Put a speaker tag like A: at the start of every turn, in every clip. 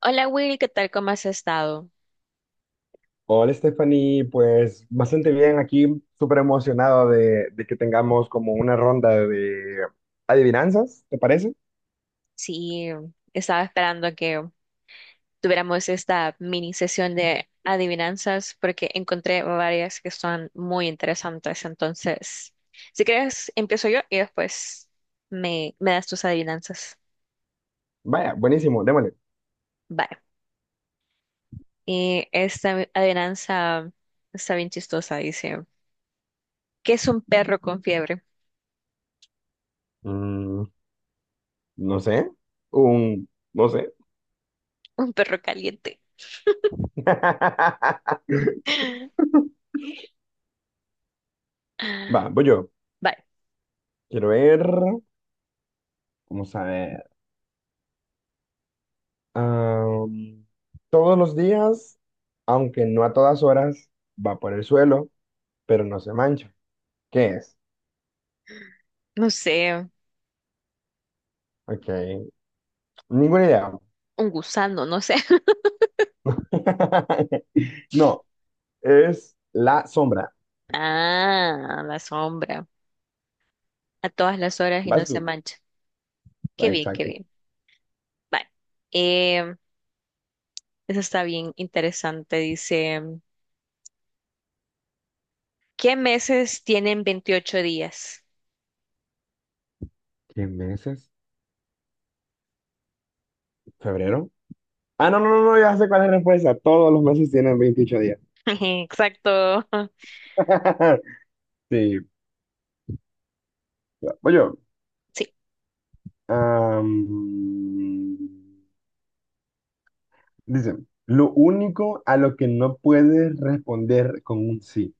A: Hola Will, ¿qué tal? ¿Cómo has estado?
B: Hola Stephanie, pues bastante bien aquí, súper emocionado de que tengamos como una ronda de adivinanzas, ¿te parece?
A: Sí, estaba esperando que tuviéramos esta mini sesión de adivinanzas porque encontré varias que son muy interesantes. Entonces, si quieres, empiezo yo y después me das tus adivinanzas.
B: Vaya, buenísimo, démosle.
A: Vale. Y esta adivinanza está bien chistosa. Dice, ¿qué es un perro con fiebre?
B: Mm, no sé, un, no sé.
A: Un perro caliente.
B: Va, voy yo.
A: Vale,
B: Quiero ver, vamos a ver. Am, todos los días, aunque no a todas horas, va por el suelo, pero no se mancha. ¿Qué es?
A: no sé,
B: Ok, ninguna idea.
A: un gusano, no sé.
B: No, es la sombra.
A: Ah, la sombra. A todas las horas y no
B: Vas
A: se
B: tú.
A: mancha.
B: Ah,
A: Qué bien, qué
B: exacto.
A: bien. Vale. Em, Eso está bien interesante. Dice, ¿qué meses tienen 28 días?
B: ¿Qué meses? ¿Febrero? Ah, no, no, no, no, ya sé cuál es la respuesta. Todos los meses tienen 28 días.
A: Exacto.
B: Sí. Voy yo.
A: Sí.
B: Am, dice, lo único a lo que no puedes responder con un sí.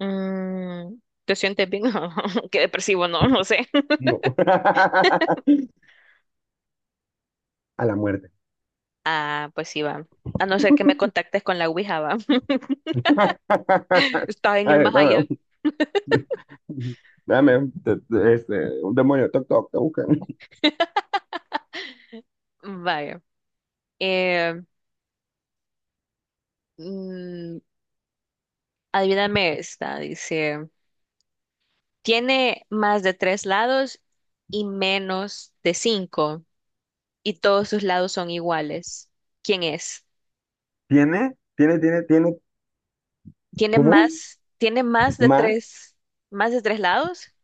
A: Mm, ¿Te sientes bien? Qué depresivo, no, no sé.
B: No. A la muerte.
A: Ah, pues sí, va. A no ser que me contactes con la Ouija, va. Está en
B: A
A: el
B: ver,
A: más allá.
B: dame un- te- te- este, un demonio, toc, toc, te buscan.
A: Vaya. Eh, mm, Adivíname esta. Dice, tiene más de tres lados y menos de cinco, y todos sus lados son iguales. ¿Quién es?
B: Tiene, tiene, tiene, tiene
A: Tiene
B: ¿Cómo es?
A: más, tiene más de
B: Más,
A: tres, más de tres lados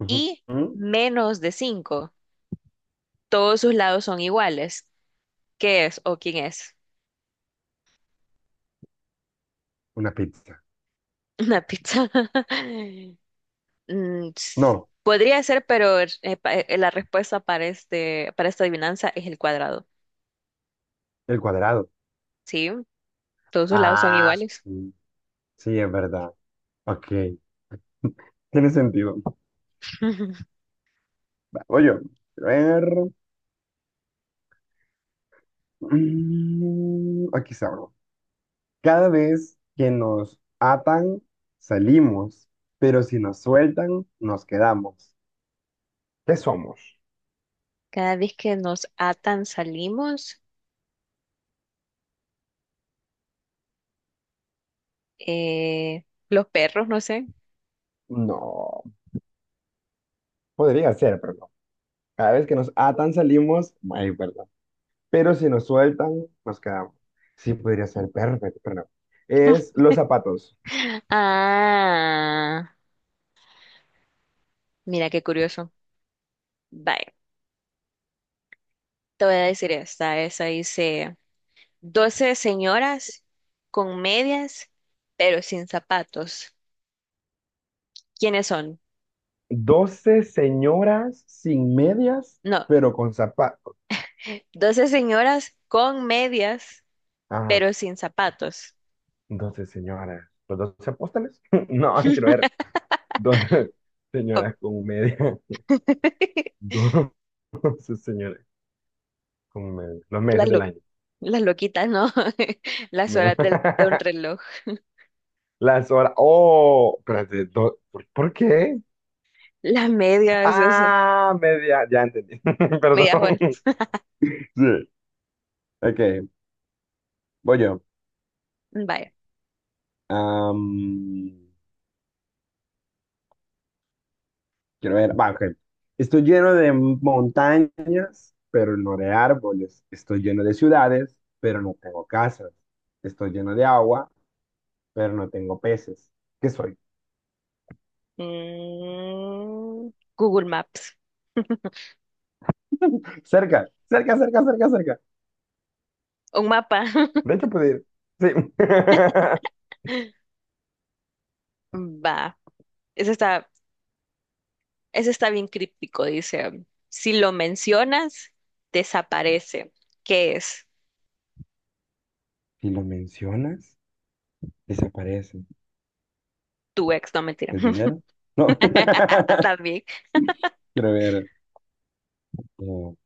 B: ujú,
A: y
B: ujú,
A: menos de cinco. Todos sus lados son iguales. ¿Qué es o quién es?
B: una pizza.
A: Una pizza. Mm, s-
B: No,
A: Podría ser, pero la respuesta para esta adivinanza es el cuadrado.
B: el cuadrado.
A: ¿Sí? Todos sus lados son
B: Ah,
A: iguales.
B: sí, sí, es verdad. Ok, tiene sentido. Va, voy yo. A ver. Aquí está. Abro. Cada vez que nos atan, salimos, pero si nos sueltan, nos quedamos. ¿Qué somos?
A: Cada vez que nos atan salimos, los perros, no sé.
B: No, podría ser, pero no. Cada vez que nos atan, salimos. Ay, verdad. Pero si nos sueltan, nos quedamos. Sí, podría ser perfecto, pero no. Es los zapatos.
A: Ah, mira qué curioso. Vaya, te voy a decir esta. Esa dice, 12 señoras con medias, pero sin zapatos. ¿Quiénes son?
B: Doce señoras sin medias,
A: No,
B: pero con zapatos.
A: 12 señoras con medias,
B: Ah,
A: pero sin zapatos.
B: 12 señoras. ¿Los 12 apóstoles? No, quiero ver. Doce
A: Oh,
B: señoras con medias. Doce señoras con medias. Los
A: Las,
B: meses del
A: lo-
B: año.
A: las loquitas, ¿no? Las
B: No.
A: horas de un reloj.
B: Las horas. Oh, espérate. ¿Por qué?
A: Las medias, ese,
B: Ah, media. Ya entendí.
A: medias horas.
B: Perdón. Sí. Ok, voy yo.
A: Vaya.
B: Am, quiero ver, va, ok. Estoy lleno de montañas, pero no de árboles. Estoy lleno de ciudades, pero no tengo casas. Estoy lleno de agua, pero no tengo peces. ¿Qué soy?
A: Mm, Google Maps.
B: Cerca, cerca, cerca, cerca, cerca.
A: Un mapa.
B: De hecho, puede ir. Sí.
A: Va, ese está, ese está bien críptico, dice. Si lo mencionas, desaparece. ¿Qué es?
B: Si lo mencionas, desaparece.
A: Tu ex, no mentira.
B: ¿El dinero? No.
A: También.
B: Quiero ver. No,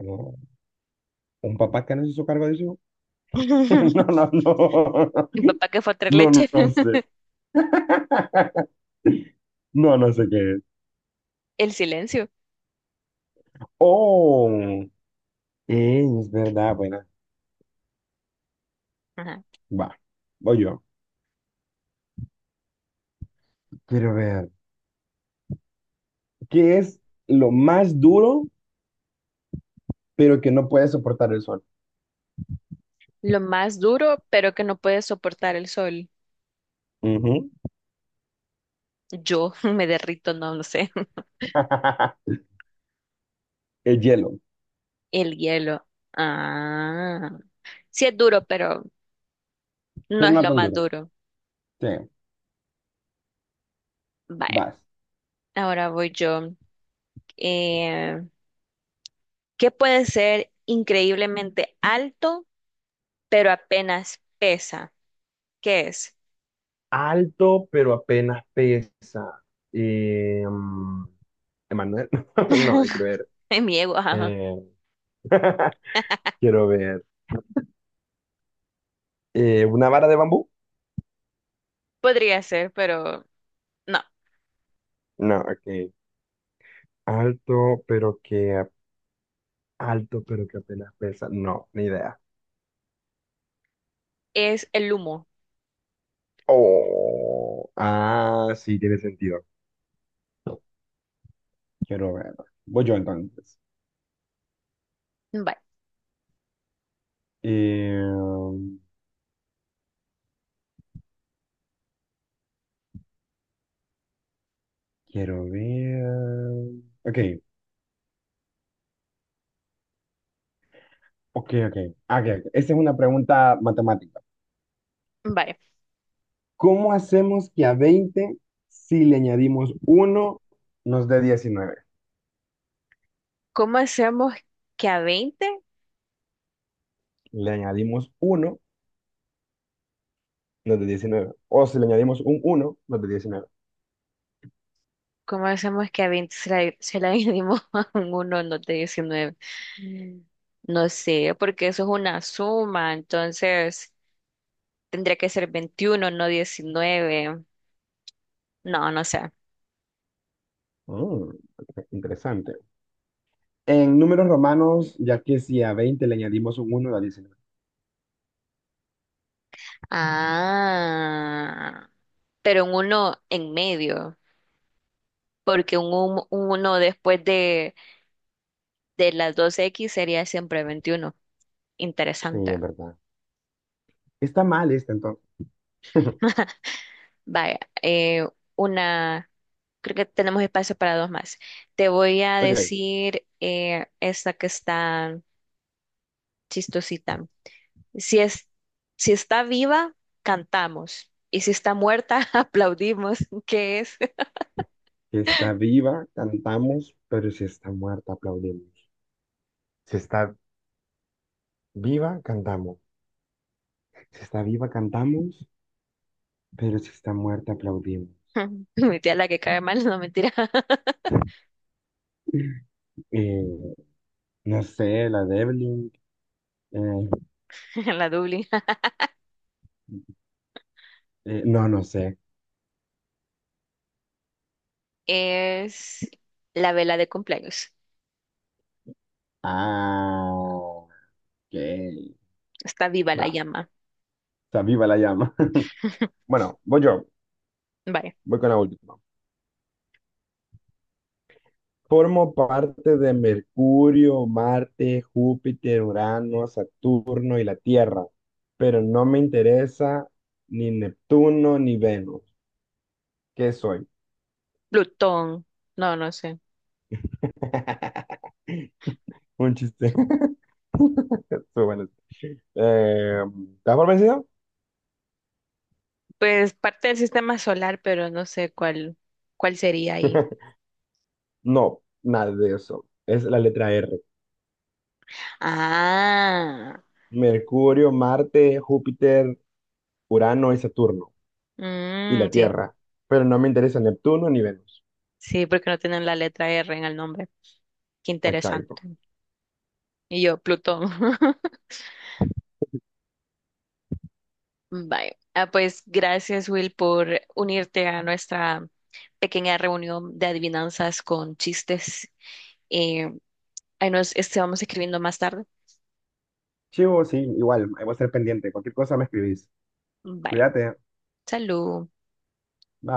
B: no. ¿Un papá que no se hizo cargo de eso? No, no, no.
A: Mi papá que fue a traer
B: No,
A: leche.
B: no, no sé. No, no sé qué es.
A: El silencio.
B: Oh, es verdad, buena.
A: Ajá.
B: Va, voy yo. Quiero ver. ¿Qué es lo más duro, pero que no puede soportar el sol?
A: Lo más duro, pero que no puede soportar el sol.
B: Ujú.
A: Yo me derrito, no lo sé.
B: El hielo,
A: El hielo. Ah. Sí es duro, pero no
B: pero
A: es
B: no
A: lo
B: tan
A: más
B: duro.
A: duro.
B: Sí,
A: Vaya,
B: vas.
A: ahora voy yo. Eh, ¿Qué puede ser increíblemente alto, pero apenas pesa? ¿Qué es?
B: Alto, pero apenas pesa. Eh, mm, Emanuel, no, quiero ver.
A: En mi ego, ajá.
B: eh, quiero ver. ¿Una vara de bambú?
A: Podría ser, pero no,
B: No, ok. Alto, pero que Alto, pero que apenas pesa. No, ni idea.
A: es el humo.
B: Oh, ah, sí, tiene sentido. Quiero ver. Voy yo entonces.
A: Vale.
B: Eh, quiero ver. Ok, ok, ok. Ah, ok, ok. Esta es una pregunta matemática.
A: Vale.
B: ¿Cómo hacemos que a 20 si le añadimos uno nos dé 19?
A: ¿Cómo hacemos que a 20
B: Le añadimos uno O si le añadimos un uno nos dé diecinueve.
A: ¿Cómo hacemos que a 20 se la dividimos a un uno no de 19? Mm. No sé, porque eso es una suma, entonces tendría que ser 21, no 19. No, no sé.
B: Mm, ok, interesante. En números romanos, ya que si a 20 le añadimos un uno da 19.
A: Ah, pero un uno en medio, porque uno después de las dos x sería siempre 21.
B: Sí,
A: Interesante.
B: es verdad. Está mal esta entonces.
A: Vaya, una, creo que tenemos espacio para dos más. Te voy a
B: Ok.
A: decir esta que está chistosita. Si es, si está viva, cantamos. Y si está muerta, aplaudimos. ¿Qué es?
B: Si está viva, cantamos, pero si está muerta, aplaudimos. Si está viva, cantamos. Si está viva, cantamos, pero si está muerta, aplaudimos.
A: Mi tía la que cae mal, no mentira,
B: Eh, no sé, la de Evelyn. eh,
A: la Dublín.
B: no, no sé.
A: Es la vela de cumpleaños.
B: Ah, ok.
A: Está viva la
B: Va.
A: llama.
B: Está viva la llama. Bueno, voy yo.
A: Vale.
B: Voy con la última. Formo parte de Mercurio, Marte, Júpiter, Urano, Saturno y la Tierra, pero no me interesa ni Neptuno ni Venus. ¿Qué soy?
A: Plutón. No, no sé.
B: Un chiste. Estuvo bueno. Eh, ¿Estás por vencido?
A: Pues parte del sistema solar, pero no sé cuál sería ahí.
B: No, nada de eso. Es la letra R.
A: Ah,
B: Mercurio, Marte, Júpiter, Urano y Saturno y la
A: sí,
B: Tierra, pero no me interesa Neptuno ni Venus.
A: sí, porque no tienen la letra R en el nombre. Qué
B: Exacto.
A: interesante. Y yo, Plutón. Vale. Ah, pues gracias, Will, por unirte a nuestra pequeña reunión de adivinanzas con chistes. Eh, ahí nos este, vamos escribiendo más tarde.
B: Chivo, sí, igual, ahí voy a estar pendiente. Cualquier cosa me escribís.
A: Bye.
B: Cuídate.
A: Salud.
B: Bye.